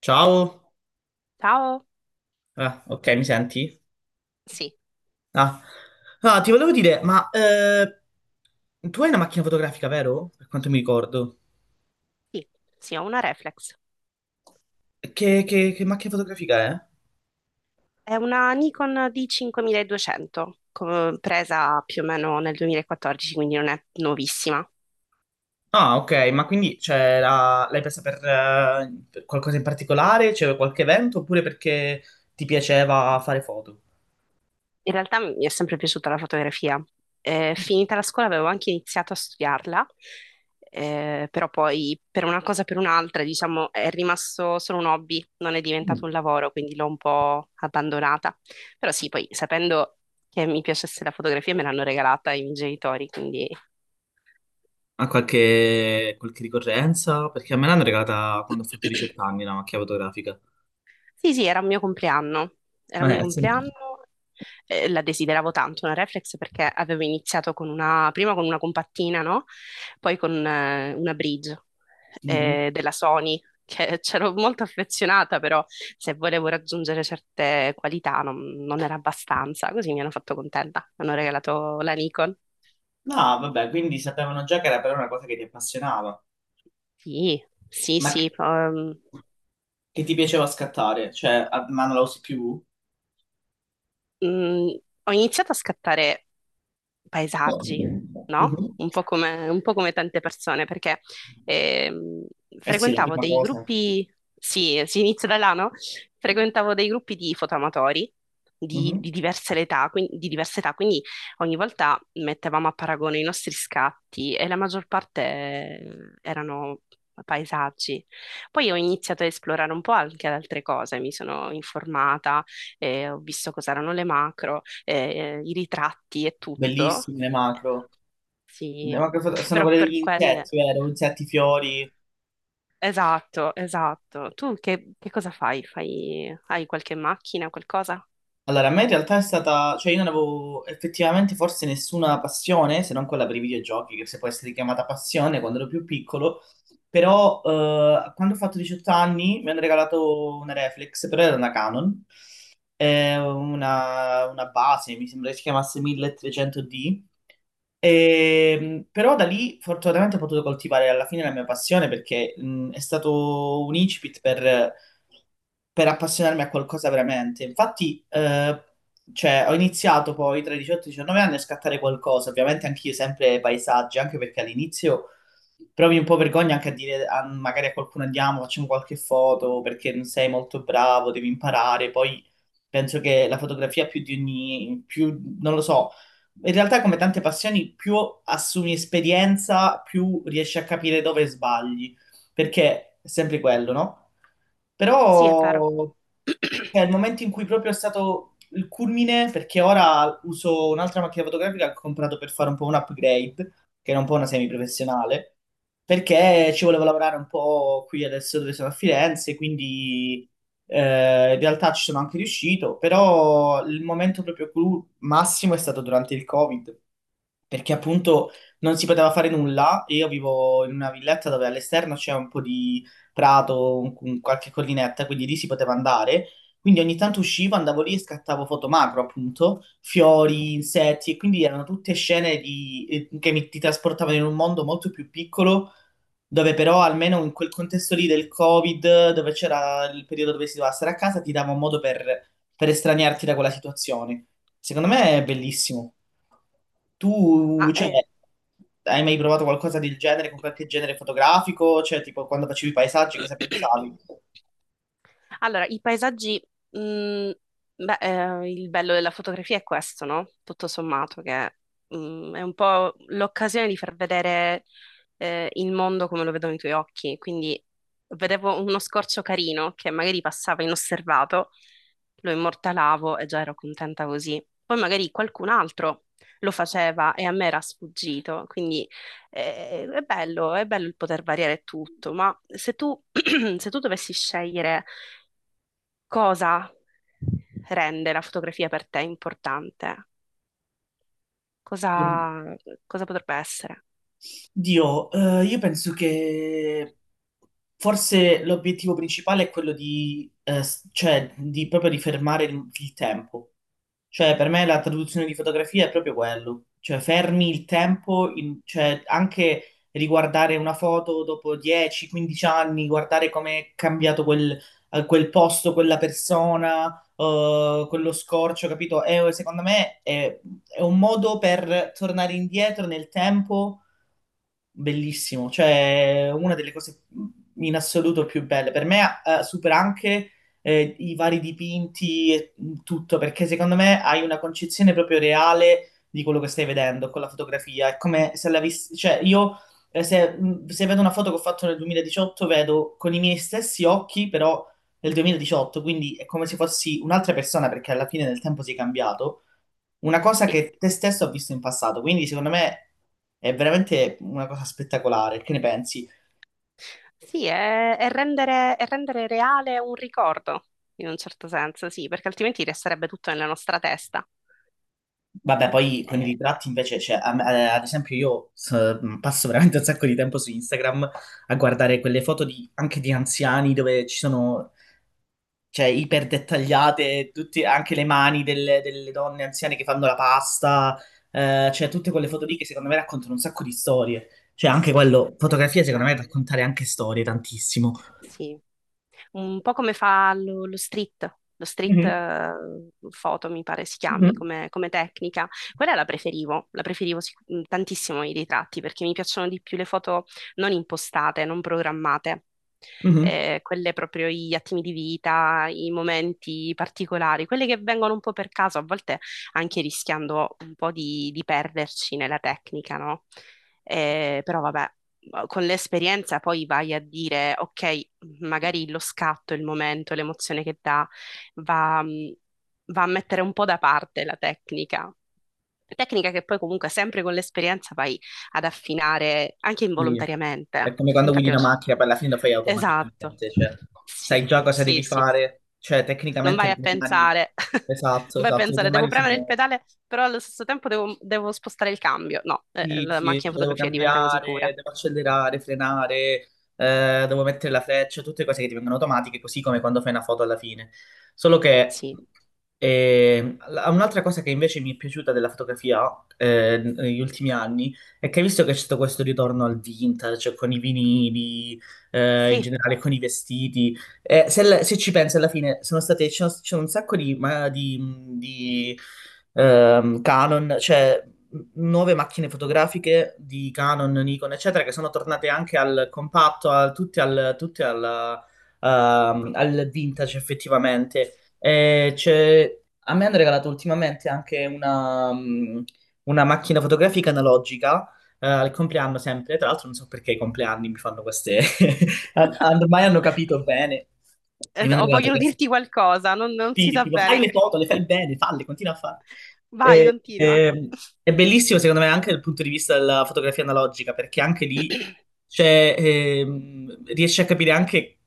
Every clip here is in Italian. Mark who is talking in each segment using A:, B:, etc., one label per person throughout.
A: Ciao.
B: Ciao?
A: Ok, mi senti?
B: Sì,
A: Ah. Ah, ti volevo dire, ma tu hai una macchina fotografica, vero? Per quanto mi ricordo.
B: sì, sì, ho una reflex.
A: Che, che macchina fotografica è?
B: È una Nikon D5200, presa più o meno nel 2014, quindi non è nuovissima.
A: Ok, ma quindi cioè, l'hai presa per qualcosa in particolare? C'era qualche evento oppure perché ti piaceva fare foto?
B: In realtà mi è sempre piaciuta la fotografia. Finita la scuola avevo anche iniziato a studiarla, però poi per una cosa o per un'altra, diciamo, è rimasto solo un hobby, non è diventato
A: Mm.
B: un lavoro, quindi l'ho un po' abbandonata. Però sì, poi sapendo che mi piacesse la fotografia me l'hanno regalata i miei genitori, quindi...
A: Ha qualche ricorrenza? Perché a me l'hanno regalata quando ho fatto 18 anni la macchina fotografica.
B: Sì, sì, era il mio compleanno, era il
A: Ma
B: mio
A: è,
B: compleanno,
A: sì.
B: la desideravo tanto una reflex perché avevo iniziato con una, prima con una compattina, no? Poi con una bridge
A: Mm-hmm.
B: della Sony, che c'ero molto affezionata, però se volevo raggiungere certe qualità non, non era abbastanza, così mi hanno fatto contenta, mi hanno regalato la Nikon.
A: No, vabbè, quindi sapevano già che era però una cosa che ti appassionava,
B: Sì, sì,
A: ma
B: sì,
A: che ti piaceva scattare, cioè, ma non la usi più?
B: mm, ho iniziato a scattare paesaggi, no?
A: Mhm.
B: Un po' come tante persone, perché ehm,
A: Eh sì, la
B: frequentavo
A: prima
B: dei
A: cosa.
B: gruppi, sì, si inizia da là, no? Frequentavo dei gruppi di fotoamatori di
A: Mhm.
B: diverse età, quindi, di diverse età, quindi ogni volta mettevamo a paragone i nostri scatti e la maggior parte erano paesaggi. Poi ho iniziato a esplorare un po' anche ad altre cose, mi sono informata, ho visto cos'erano le macro i ritratti e tutto.
A: Bellissime le macro.
B: Sì,
A: Le sono
B: però
A: quelle degli
B: per quelle...
A: insetti, vero? Insetti, fiori.
B: Esatto, esatto. Tu che cosa fai? Fai... Hai qualche macchina, qualcosa?
A: Allora, a me in realtà è stata... Cioè, io non avevo effettivamente forse nessuna passione, se non quella per i videogiochi, che se può essere chiamata passione quando ero più piccolo. Però quando ho fatto 18 anni mi hanno regalato una reflex, però era una Canon. È una base, mi sembra che si chiamasse 1300D, e, però da lì fortunatamente ho potuto coltivare alla fine la mia passione perché è stato un incipit per appassionarmi a qualcosa veramente. Infatti, cioè, ho iniziato poi tra i 18 e i 19 anni a scattare qualcosa, ovviamente anch'io sempre paesaggi, anche perché all'inizio provi un po' vergogna anche a dire magari a qualcuno andiamo, facciamo qualche foto perché non sei molto bravo, devi imparare. Poi penso che la fotografia più di ogni, più, non lo so, in realtà, come tante passioni, più assumi esperienza, più riesci a capire dove sbagli, perché è sempre quello, no?
B: Sì, è vero.
A: Però è il momento in cui proprio è stato il culmine, perché ora uso un'altra macchina fotografica che ho comprato per fare un po' un upgrade, che era un po' una semiprofessionale, perché ci volevo lavorare un po' qui adesso dove sono a Firenze, quindi in realtà ci sono anche riuscito, però il momento proprio clou massimo è stato durante il Covid perché appunto non si poteva fare nulla e io vivo in una villetta dove all'esterno c'è un po' di prato, qualche collinetta, quindi lì si poteva andare. Quindi ogni tanto uscivo, andavo lì e scattavo foto macro, appunto, fiori, insetti, e quindi erano tutte scene che mi, ti trasportavano in un mondo molto più piccolo, dove però almeno in quel contesto lì del Covid, dove c'era il periodo dove si doveva stare a casa, ti dava un modo per estraniarti da quella situazione. Secondo me è bellissimo. Tu,
B: Ah,
A: cioè,
B: eh.
A: hai mai provato qualcosa del genere con qualche genere fotografico? Cioè, tipo, quando facevi i paesaggi, cosa pensavi?
B: Allora, i paesaggi, mh, beh, il bello della fotografia è questo, no? Tutto sommato, che è un po' l'occasione di far vedere il mondo come lo vedono i tuoi occhi. Quindi vedevo uno scorcio carino che magari passava inosservato, lo immortalavo e già ero contenta così. Poi magari qualcun altro lo faceva e a me era sfuggito. Quindi è bello il poter variare tutto, ma se tu, se tu dovessi scegliere cosa rende la fotografia per te importante?
A: Per-
B: Cosa, cosa potrebbe essere?
A: Dio, io penso che forse l'obiettivo principale è quello di, cioè, di proprio di fermare il tempo. Cioè, per me la traduzione di fotografia è proprio quello. Cioè, fermi il tempo, cioè, anche riguardare una foto dopo 10-15 anni, guardare come è cambiato quel, quel posto, quella persona, quello scorcio, capito? Secondo me è un modo per tornare indietro nel tempo. Bellissimo, cioè una delle cose in assoluto più belle. Per me supera anche i vari dipinti e tutto, perché secondo me hai una concezione proprio reale di quello che stai vedendo con la fotografia. È come se l'avessi, cioè io se vedo una foto che ho fatto nel 2018, vedo con i miei stessi occhi, però nel 2018, quindi è come se fossi un'altra persona, perché alla fine del tempo sei cambiato una cosa
B: Sì,
A: che te stesso ha visto in passato, quindi secondo me è veramente una cosa spettacolare. Che ne pensi?
B: sì, è rendere reale un ricordo, in un certo senso, sì, perché altrimenti resterebbe tutto nella nostra testa.
A: Vabbè, poi con i
B: Eh,
A: ritratti invece, cioè, ad esempio passo veramente un sacco di tempo su Instagram a guardare quelle foto anche di anziani dove ci sono, cioè, iper dettagliate, anche le mani delle donne anziane che fanno la pasta, cioè tutte quelle
B: sì,
A: foto lì che secondo me raccontano un sacco di storie. Cioè, anche quello, fotografia secondo
B: bellissima.
A: me raccontare anche storie tantissimo.
B: Sì, un po' come fa lo street
A: Mhm,
B: photo mi pare si chiami
A: mhm.
B: come, come tecnica. Quella la preferivo tantissimo i ritratti perché mi piacciono di più le foto non impostate, non programmate.
A: Mhm.
B: Quelle proprio gli attimi di vita, i momenti particolari, quelle che vengono un po' per caso, a volte anche rischiando un po' di perderci nella tecnica, no? Però vabbè con l'esperienza poi vai a dire, ok, magari lo scatto, il momento, l'emozione che dà, va, va a mettere un po' da parte la tecnica. Tecnica che poi comunque sempre con l'esperienza vai ad affinare anche
A: Sì. È
B: involontariamente.
A: come quando guidi
B: Infatti, non
A: una
B: c'è-
A: macchina, poi alla fine lo fai
B: esatto.
A: automaticamente, cioè sai
B: Sì,
A: già cosa
B: sì,
A: devi
B: sì.
A: fare, cioè
B: Non
A: tecnicamente
B: vai
A: le
B: a
A: tue mani,
B: pensare,
A: esatto,
B: non vai a
A: esatto, le tue
B: pensare, devo
A: mani si
B: premere il
A: muovono.
B: pedale, però allo stesso tempo devo spostare il cambio. No,
A: Sì,
B: la
A: sì,
B: macchina
A: cioè devo
B: fotografia diventa così pura.
A: cambiare, devo accelerare, frenare, devo mettere la freccia, tutte cose che divengono automatiche, così come quando fai una foto alla fine. Solo che
B: Sì,
A: un'altra cosa che invece mi è piaciuta della fotografia negli ultimi anni è che hai visto che c'è stato questo ritorno al vintage, con i vinili, in
B: sì,
A: generale con i vestiti. Se ci pensi alla fine, sono state, c'è un sacco di, di, Canon, cioè m- nuove macchine fotografiche di Canon, Nikon, eccetera, che sono tornate anche al compatto, tutte al vintage effettivamente. A me hanno regalato ultimamente anche una, una macchina fotografica analogica, al compleanno sempre, tra l'altro non so perché i compleanni mi fanno queste Ormai hanno capito bene. E mi
B: es-
A: hanno
B: o
A: regalato
B: vogliono
A: questa,
B: dirti qualcosa, non, non si
A: sì,
B: sa
A: tipo, fai
B: bene.
A: le foto, le fai bene, falle, continua a fare.
B: Vai,
A: E-
B: continua.
A: e- è bellissimo, secondo me, anche dal punto di vista della fotografia analogica, perché anche lì c'è, riesci a capire anche,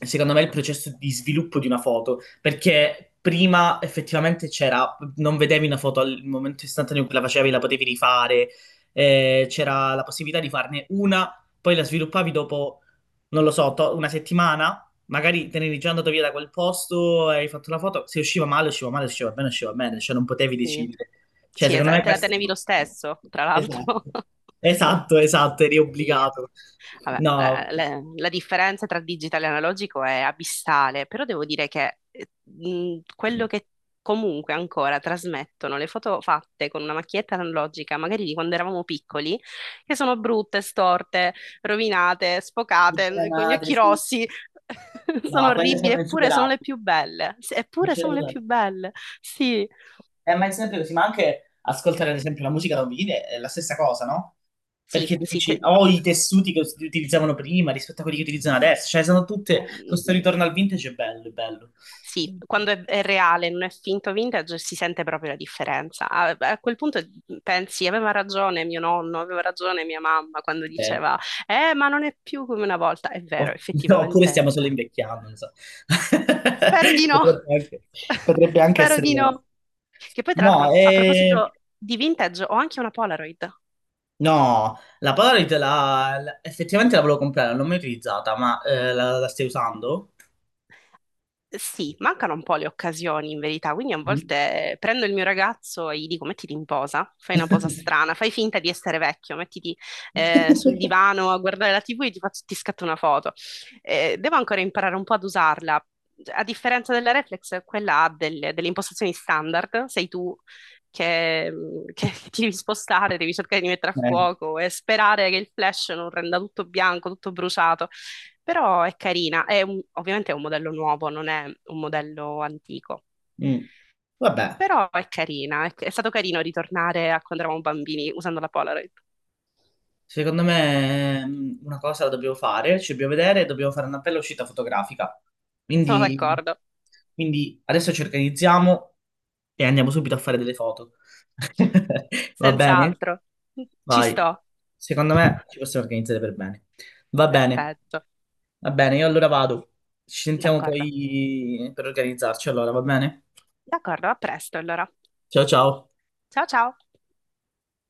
A: secondo me, il processo di sviluppo di una foto, perché prima effettivamente c'era, non vedevi una foto al momento istantaneo in cui la facevi, la potevi rifare, c'era la possibilità di farne una, poi la sviluppavi dopo, non lo so, una settimana magari te ne eri già andato via da quel posto, hai fatto la foto, se usciva male, usciva male, se usciva bene, usciva bene, cioè non potevi
B: Sì,
A: decidere. Cioè,
B: sì,
A: secondo
B: esatto,
A: me
B: te la tenevi lo
A: questo...
B: stesso, tra
A: Esatto,
B: l'altro.
A: esatto, eri
B: Sì.
A: obbligato.
B: Vabbè,
A: No,
B: la differenza tra digitale e analogico è abissale, però devo dire che quello che comunque ancora trasmettono le foto fatte con una macchietta analogica, magari di quando eravamo piccoli, che sono brutte, storte, rovinate, sfocate, con gli
A: diagramate,
B: occhi
A: sì.
B: rossi, sono
A: No, quelle
B: orribili,
A: sono
B: eppure sono
A: insuperabili.
B: le più belle. Sì,
A: Non
B: eppure
A: c'è
B: sono le
A: nulla da-
B: più belle. Sì,
A: Ma è sempre così, ma anche ascoltare ad esempio la musica da un vinile è la stessa cosa, no?
B: sì,
A: Perché tu
B: sì.
A: dici, ho i tessuti che si utilizzavano prima rispetto a quelli che utilizzano adesso, cioè sono tutte, questo
B: Eh,
A: ritorno al vintage è bello, è bello.
B: Sì, quando è reale, non è finto vintage, si sente proprio la differenza. A, a quel punto pensi, aveva ragione mio nonno, aveva ragione mia mamma quando
A: Veri.
B: diceva, ma non è più come una volta. È vero,
A: O- Oppure
B: effettivamente è
A: stiamo solo
B: vero.
A: invecchiando, non so.
B: Spero di no,
A: Potrebbe anche, potrebbe anche
B: spero
A: essere
B: di
A: vero.
B: no. Che poi, tra l'altro,
A: No,
B: a, a
A: eh,
B: proposito di vintage, ho anche una Polaroid.
A: no, la Polaroid effettivamente la volevo comprare, non l'ho mai utilizzata, ma la, la stai usando?
B: Sì, mancano un po' le occasioni in verità, quindi a
A: Mm.
B: volte prendo il mio ragazzo e gli dico mettiti in posa, fai una posa strana, fai finta di essere vecchio, mettiti sul divano a guardare la TV e ti scatto una foto. Devo ancora imparare un po' ad usarla. A differenza della reflex, quella ha delle, delle impostazioni standard, sei tu che, che ti devi spostare, devi cercare di mettere a
A: Eh,
B: fuoco e sperare che il flash non renda tutto bianco, tutto bruciato. Però è carina, ovviamente è un modello nuovo, non è un modello antico.
A: mm. Vabbè.
B: Però è carina, è stato carino ritornare a quando eravamo bambini usando la Polaroid.
A: Secondo me una cosa la dobbiamo fare, ci dobbiamo vedere, dobbiamo fare una bella uscita fotografica.
B: Sono
A: Quindi,
B: d'accordo,
A: quindi adesso ci organizziamo e andiamo subito a fare delle foto. Va bene?
B: senz'altro. Ci
A: Vai.
B: sto.
A: Secondo me ci possiamo organizzare per bene. Va bene,
B: Perfetto,
A: va bene, io allora vado. Ci sentiamo
B: d'accordo.
A: poi per organizzarci allora, va bene?
B: D'accordo, a presto allora.
A: Ciao ciao.
B: Ciao ciao.